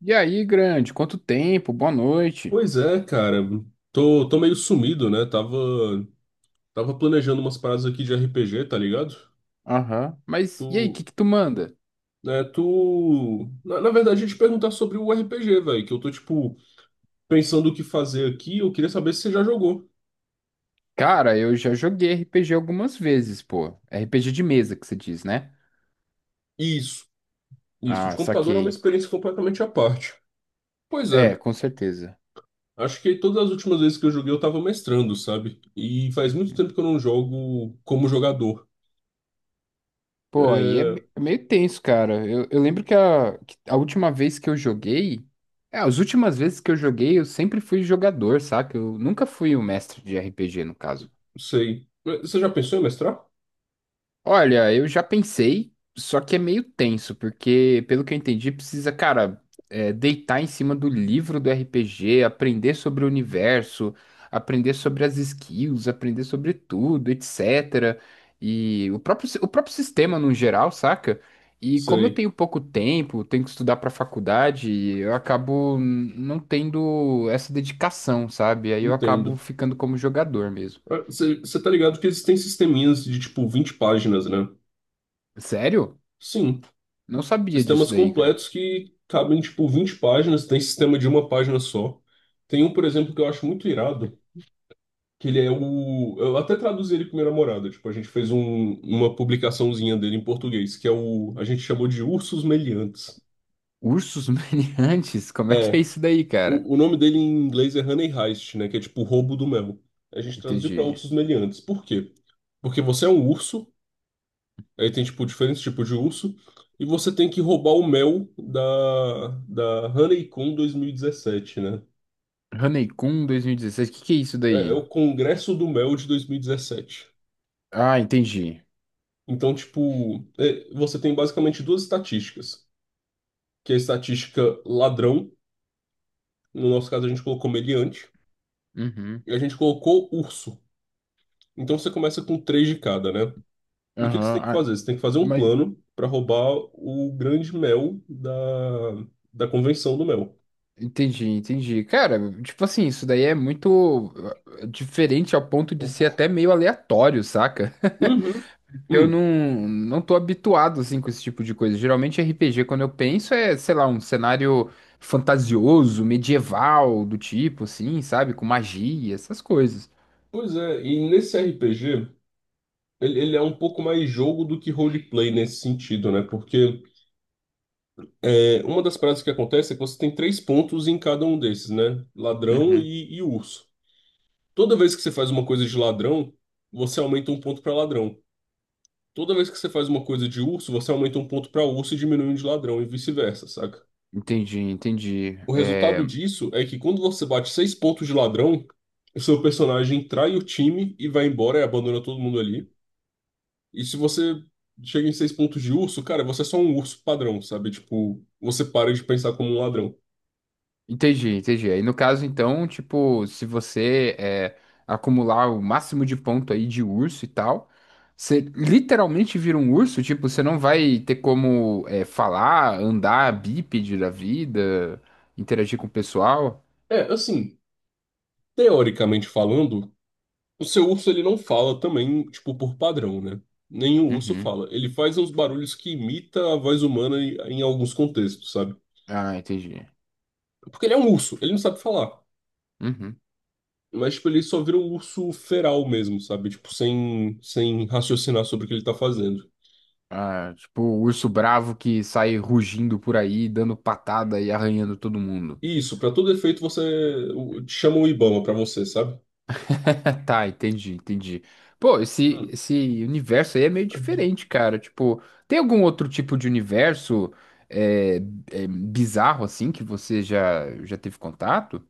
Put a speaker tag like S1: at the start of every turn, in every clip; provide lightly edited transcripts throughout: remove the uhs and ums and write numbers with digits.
S1: E aí, grande, quanto tempo? Boa noite.
S2: Pois é, cara. Tô meio sumido, né? Tava planejando umas paradas aqui de RPG, tá ligado?
S1: Aham. Mas e aí, o
S2: Tu,
S1: que que tu manda?
S2: né, tu... Na verdade, a gente perguntar sobre o RPG, velho, que eu tô, tipo, pensando o que fazer aqui. Eu queria saber se você já jogou.
S1: Cara, eu já joguei RPG algumas vezes, pô. RPG de mesa que você diz, né?
S2: Isso, isso. De
S1: Ah,
S2: computador é uma
S1: saquei.
S2: experiência completamente à parte. Pois
S1: É,
S2: é.
S1: com certeza.
S2: Acho que todas as últimas vezes que eu joguei eu tava mestrando, sabe? E faz muito tempo que eu não jogo como jogador.
S1: Pô, aí
S2: É.
S1: é meio tenso, cara. Eu lembro que a última vez que eu joguei. É, as últimas vezes que eu joguei, eu sempre fui jogador, saca? Eu nunca fui o mestre de RPG, no caso.
S2: Sei. Mas você já pensou em mestrar?
S1: Olha, eu já pensei, só que é meio tenso, porque, pelo que eu entendi, precisa, cara, deitar em cima do livro do RPG, aprender sobre o universo, aprender sobre as skills, aprender sobre tudo, etc. E o próprio sistema no geral, saca? E como eu
S2: Sei.
S1: tenho pouco tempo, tenho que estudar pra faculdade, eu acabo não tendo essa dedicação, sabe? Aí eu acabo
S2: Entendo.
S1: ficando como jogador mesmo.
S2: Ah, você tá ligado que existem sisteminhas de tipo 20 páginas, né?
S1: Sério?
S2: Sim.
S1: Não sabia disso
S2: Sistemas
S1: daí, cara.
S2: completos que cabem tipo 20 páginas, tem sistema de uma página só. Tem um, por exemplo, que eu acho muito irado. Que ele é o. Eu até traduzi ele com minha namorada. Tipo, a gente fez uma publicaçãozinha dele em português, que é o. A gente chamou de Ursos Meliantes.
S1: Ursos Meliantes? Como é que é
S2: É.
S1: isso daí, cara?
S2: O nome dele em inglês é Honey Heist, né? Que é tipo roubo do mel. A gente traduziu para
S1: Entendi.
S2: ursos meliantes. Por quê? Porque você é um urso, aí tem, tipo, diferentes tipos de urso, e você tem que roubar o mel da Honeycomb 2017, né?
S1: Hanekun 2016, o que que é isso
S2: É, é
S1: daí?
S2: o Congresso do Mel de 2017.
S1: Ah, entendi.
S2: Então, tipo, é, você tem basicamente duas estatísticas, que é a estatística ladrão. No nosso caso, a gente colocou meliante.
S1: Uhum.
S2: E a gente colocou urso. Então você começa com 3 de cada, né? E o que que você
S1: Aham.
S2: tem que
S1: Ah,
S2: fazer? Você tem que fazer um
S1: mas
S2: plano para roubar o grande mel da, da convenção do mel.
S1: entendi, entendi. Cara, tipo assim, isso daí é muito diferente ao ponto de ser até meio aleatório, saca?
S2: Uhum.
S1: Eu
S2: Hum.
S1: não, não tô habituado, assim, com esse tipo de coisa. Geralmente RPG, quando eu penso, é, sei lá, um cenário fantasioso, medieval, do tipo, assim, sabe? Com magia, essas coisas.
S2: Pois é, e nesse RPG, ele é um pouco mais jogo do que roleplay nesse sentido, né? Porque é, uma das práticas que acontece é que você tem 3 pontos em cada um desses, né? Ladrão
S1: Uhum.
S2: e urso. Toda vez que você faz uma coisa de ladrão, você aumenta um ponto pra ladrão. Toda vez que você faz uma coisa de urso, você aumenta um ponto pra urso e diminui um de ladrão, e vice-versa, saca?
S1: Entendi, entendi.
S2: O
S1: É,
S2: resultado disso é que quando você bate 6 pontos de ladrão, o seu personagem trai o time e vai embora e abandona todo mundo ali. E se você chega em 6 pontos de urso, cara, você é só um urso padrão, sabe? Tipo, você para de pensar como um ladrão.
S1: entendi, entendi. Aí no caso, então, tipo, se você acumular o máximo de ponto aí de urso e tal, você literalmente vira um urso, tipo, você não vai ter como falar, andar bípede da vida, interagir com o pessoal.
S2: É, assim, teoricamente falando. O seu urso, ele não fala também, tipo, por padrão, né? Nenhum urso
S1: Uhum.
S2: fala. Ele faz uns barulhos que imita a voz humana em alguns contextos, sabe?
S1: Ah, entendi.
S2: Porque ele é um urso, ele não sabe falar.
S1: Uhum.
S2: Mas, tipo, ele só vira um urso feral mesmo, sabe? Tipo, sem raciocinar sobre o que ele tá fazendo.
S1: Ah, tipo, o urso bravo que sai rugindo por aí, dando patada e arranhando todo mundo.
S2: E isso, pra todo efeito, você chama o Ibama pra você, sabe?
S1: Tá, entendi, entendi. Pô, esse,
S2: Mano.
S1: esse universo aí é meio diferente, cara. Tipo, tem algum outro tipo de universo é, bizarro assim que você já, já teve contato?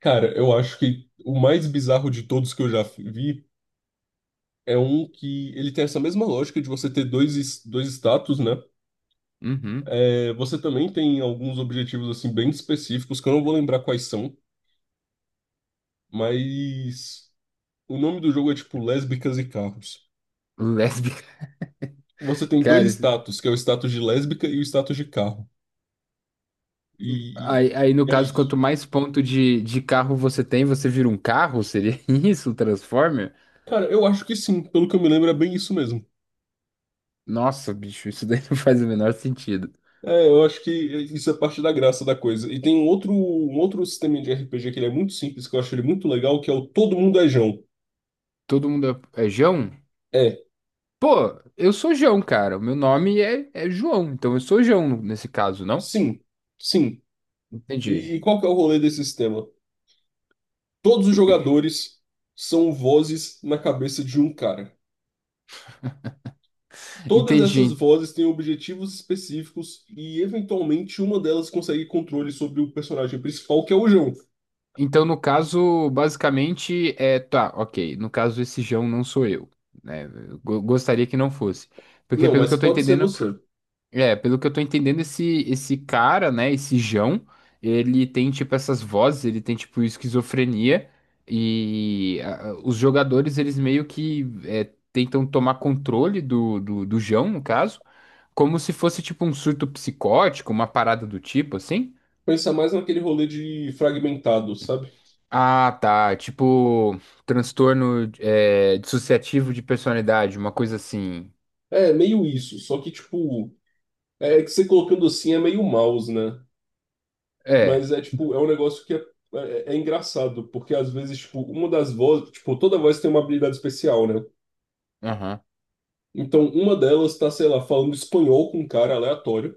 S2: Cara, eu acho que o mais bizarro de todos que eu já vi é um que ele tem essa mesma lógica de você ter dois, dois status, né?
S1: Uhum.
S2: É, você também tem alguns objetivos assim bem específicos que eu não vou lembrar quais são, mas o nome do jogo é tipo Lésbicas e Carros.
S1: Lésbica,
S2: Você tem dois
S1: cara. isso-
S2: status, que é o status de lésbica e o status de carro. E, e-
S1: Aí, aí no
S2: e é
S1: caso, quanto
S2: isso.
S1: mais ponto de carro você tem, você vira um carro? Seria isso, um Transformer?
S2: Cara, eu acho que sim, pelo que eu me lembro é bem isso mesmo.
S1: Nossa, bicho, isso daí não faz o menor sentido.
S2: É, eu acho que isso é parte da graça da coisa. E tem um outro sistema de RPG que ele é muito simples, que eu acho ele muito legal, que é o Todo Mundo é Jão.
S1: Todo mundo é Jão?
S2: É,
S1: Pô, eu sou João, cara. O meu nome é João, então eu sou João nesse caso, não?
S2: sim, sim. E,
S1: Entendi.
S2: e qual que é o rolê desse sistema? Todos os jogadores são vozes na cabeça de um cara. Todas essas
S1: Entendi.
S2: vozes têm objetivos específicos e, eventualmente, uma delas consegue controle sobre o personagem principal, que é o João.
S1: Então, no caso, basicamente. Tá, ok. No caso, esse João não sou eu, né? Eu gostaria que não fosse. Porque,
S2: Não,
S1: pelo
S2: mas
S1: que eu tô
S2: pode ser
S1: entendendo.
S2: você.
S1: É, pelo que eu tô entendendo, esse cara, né? Esse João, ele tem, tipo, essas vozes, ele tem, tipo, esquizofrenia. E os jogadores, eles meio que tentam tomar controle do João, no caso. Como se fosse tipo um surto psicótico, uma parada do tipo, assim?
S2: Pensa mais naquele rolê de fragmentado, sabe?
S1: Ah, tá. Tipo, transtorno dissociativo de personalidade, uma coisa assim.
S2: É meio isso, só que, tipo, é que você colocando assim é meio mouse, né?
S1: É,
S2: Mas é, tipo, é um negócio que é, é engraçado, porque às vezes, tipo, uma das vozes, tipo, toda voz tem uma habilidade especial, né?
S1: aham.
S2: Então, uma delas tá, sei lá, falando espanhol com um cara aleatório,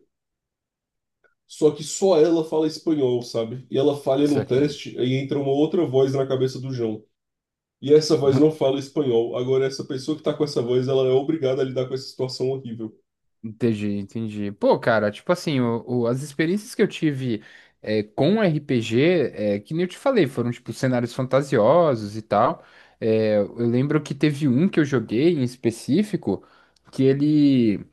S2: só que só ela fala espanhol, sabe? E ela falha
S1: Isso
S2: num
S1: aqui.
S2: teste, aí entra uma outra voz na cabeça do João. E essa voz não fala espanhol. Agora, essa pessoa que tá com essa voz, ela é obrigada a lidar com essa situação horrível.
S1: Entendi, entendi. Pô, cara, tipo assim, as experiências que eu tive com RPG, que nem eu te falei, foram tipo cenários fantasiosos e tal. É, eu lembro que teve um que eu joguei em específico, que ele.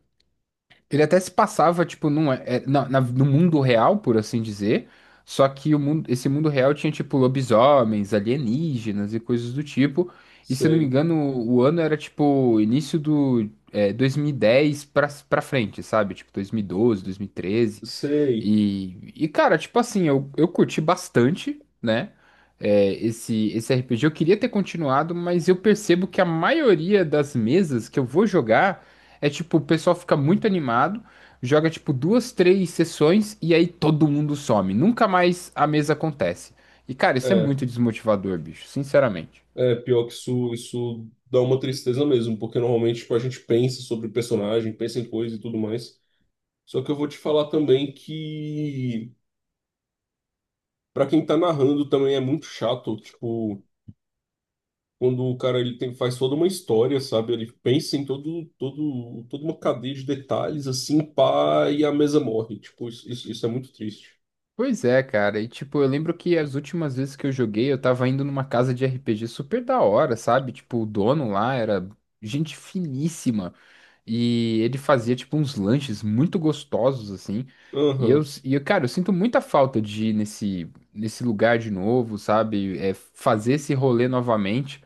S1: Ele até se passava, tipo, num, é, é, na, na- no mundo real, por assim dizer. Só que o mundo, esse mundo real tinha, tipo, lobisomens, alienígenas e coisas do tipo. E se eu não me
S2: Sei,
S1: engano, o ano era, tipo, início do 2010 pra frente, sabe? Tipo, 2012, 2013.
S2: sei.
S1: E cara, tipo assim, eu curti bastante, né? Esse RPG. Eu queria ter continuado, mas eu percebo que a maioria das mesas que eu vou jogar é tipo, o pessoal fica muito animado, joga tipo duas, três sessões e aí todo mundo some. Nunca mais a mesa acontece. E cara, isso é
S2: É,
S1: muito desmotivador, bicho, sinceramente.
S2: é pior que isso dá uma tristeza mesmo, porque normalmente, tipo, a gente pensa sobre o personagem, pensa em coisa e tudo mais. Só que eu vou te falar também que, pra quem tá narrando, também é muito chato, tipo, quando o cara ele tem, faz toda uma história, sabe? Ele pensa em todo, todo, toda uma cadeia de detalhes, assim, pá, e a mesa morre. Tipo, isso é muito triste.
S1: Pois é, cara. E tipo, eu lembro que as últimas vezes que eu joguei, eu tava indo numa casa de RPG super da hora, sabe? Tipo, o dono lá era gente finíssima. E ele fazia, tipo, uns lanches muito gostosos, assim. E eu,
S2: Aham,
S1: e eu, cara, eu sinto muita falta de ir nesse, nesse lugar de novo, sabe? É, fazer esse rolê novamente.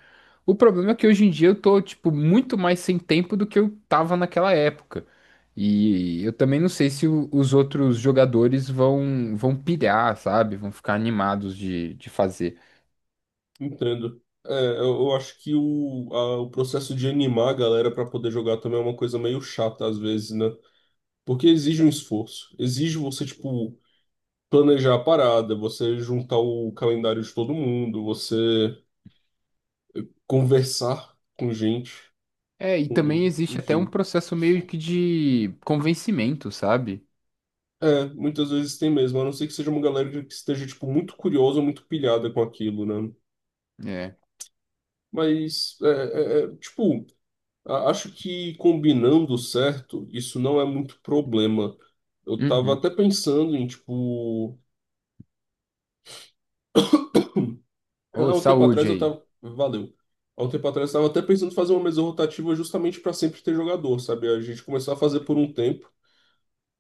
S1: O problema é que hoje em dia eu tô, tipo, muito mais sem tempo do que eu tava naquela época. E eu também não sei se os outros jogadores vão pilhar, sabe? Vão ficar animados de fazer.
S2: entendo. É, eu acho que o, o processo de animar a galera pra poder jogar também é uma coisa meio chata às vezes, né? Porque exige um esforço. Exige você, tipo, planejar a parada, você juntar o calendário de todo mundo, você conversar com gente,
S1: É, e também existe até um
S2: enfim.
S1: processo meio que de convencimento, sabe?
S2: É, muitas vezes tem mesmo, a não ser que seja uma galera que esteja, tipo, muito curiosa, muito pilhada com aquilo, né?
S1: É.
S2: Mas, é, é, tipo, acho que combinando certo, isso não é muito problema. Eu tava
S1: Uhum.
S2: até pensando em, tipo... Há
S1: Ô,
S2: um tempo atrás
S1: saúde
S2: eu
S1: aí.
S2: tava... Valeu. Há um tempo atrás eu tava até pensando em fazer uma mesa rotativa justamente para sempre ter jogador, sabe? A gente começar a fazer por um tempo.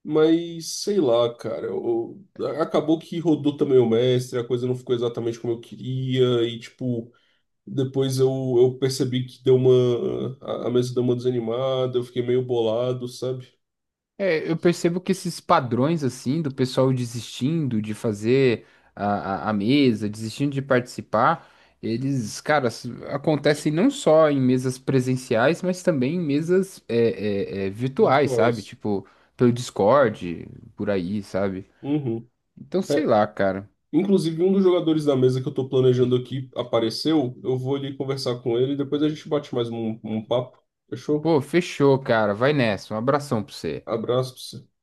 S2: Mas sei lá, cara. Acabou que rodou também o mestre, a coisa não ficou exatamente como eu queria, e tipo, depois eu percebi que deu uma. A mesa deu uma desanimada, eu fiquei meio bolado, sabe?
S1: É, eu percebo que esses padrões, assim, do pessoal desistindo de fazer a mesa, desistindo de participar, eles, cara, acontecem não só em mesas presenciais, mas também em mesas virtuais, sabe?
S2: Virtuais.
S1: Tipo, pelo Discord, por aí, sabe?
S2: Uhum.
S1: Então, sei
S2: É,
S1: lá, cara.
S2: inclusive, um dos jogadores da mesa que eu tô planejando aqui apareceu. Eu vou ali conversar com ele, e depois a gente bate mais um papo. Fechou?
S1: Pô, fechou, cara. Vai nessa. Um abração pra você.
S2: Abraço pra você.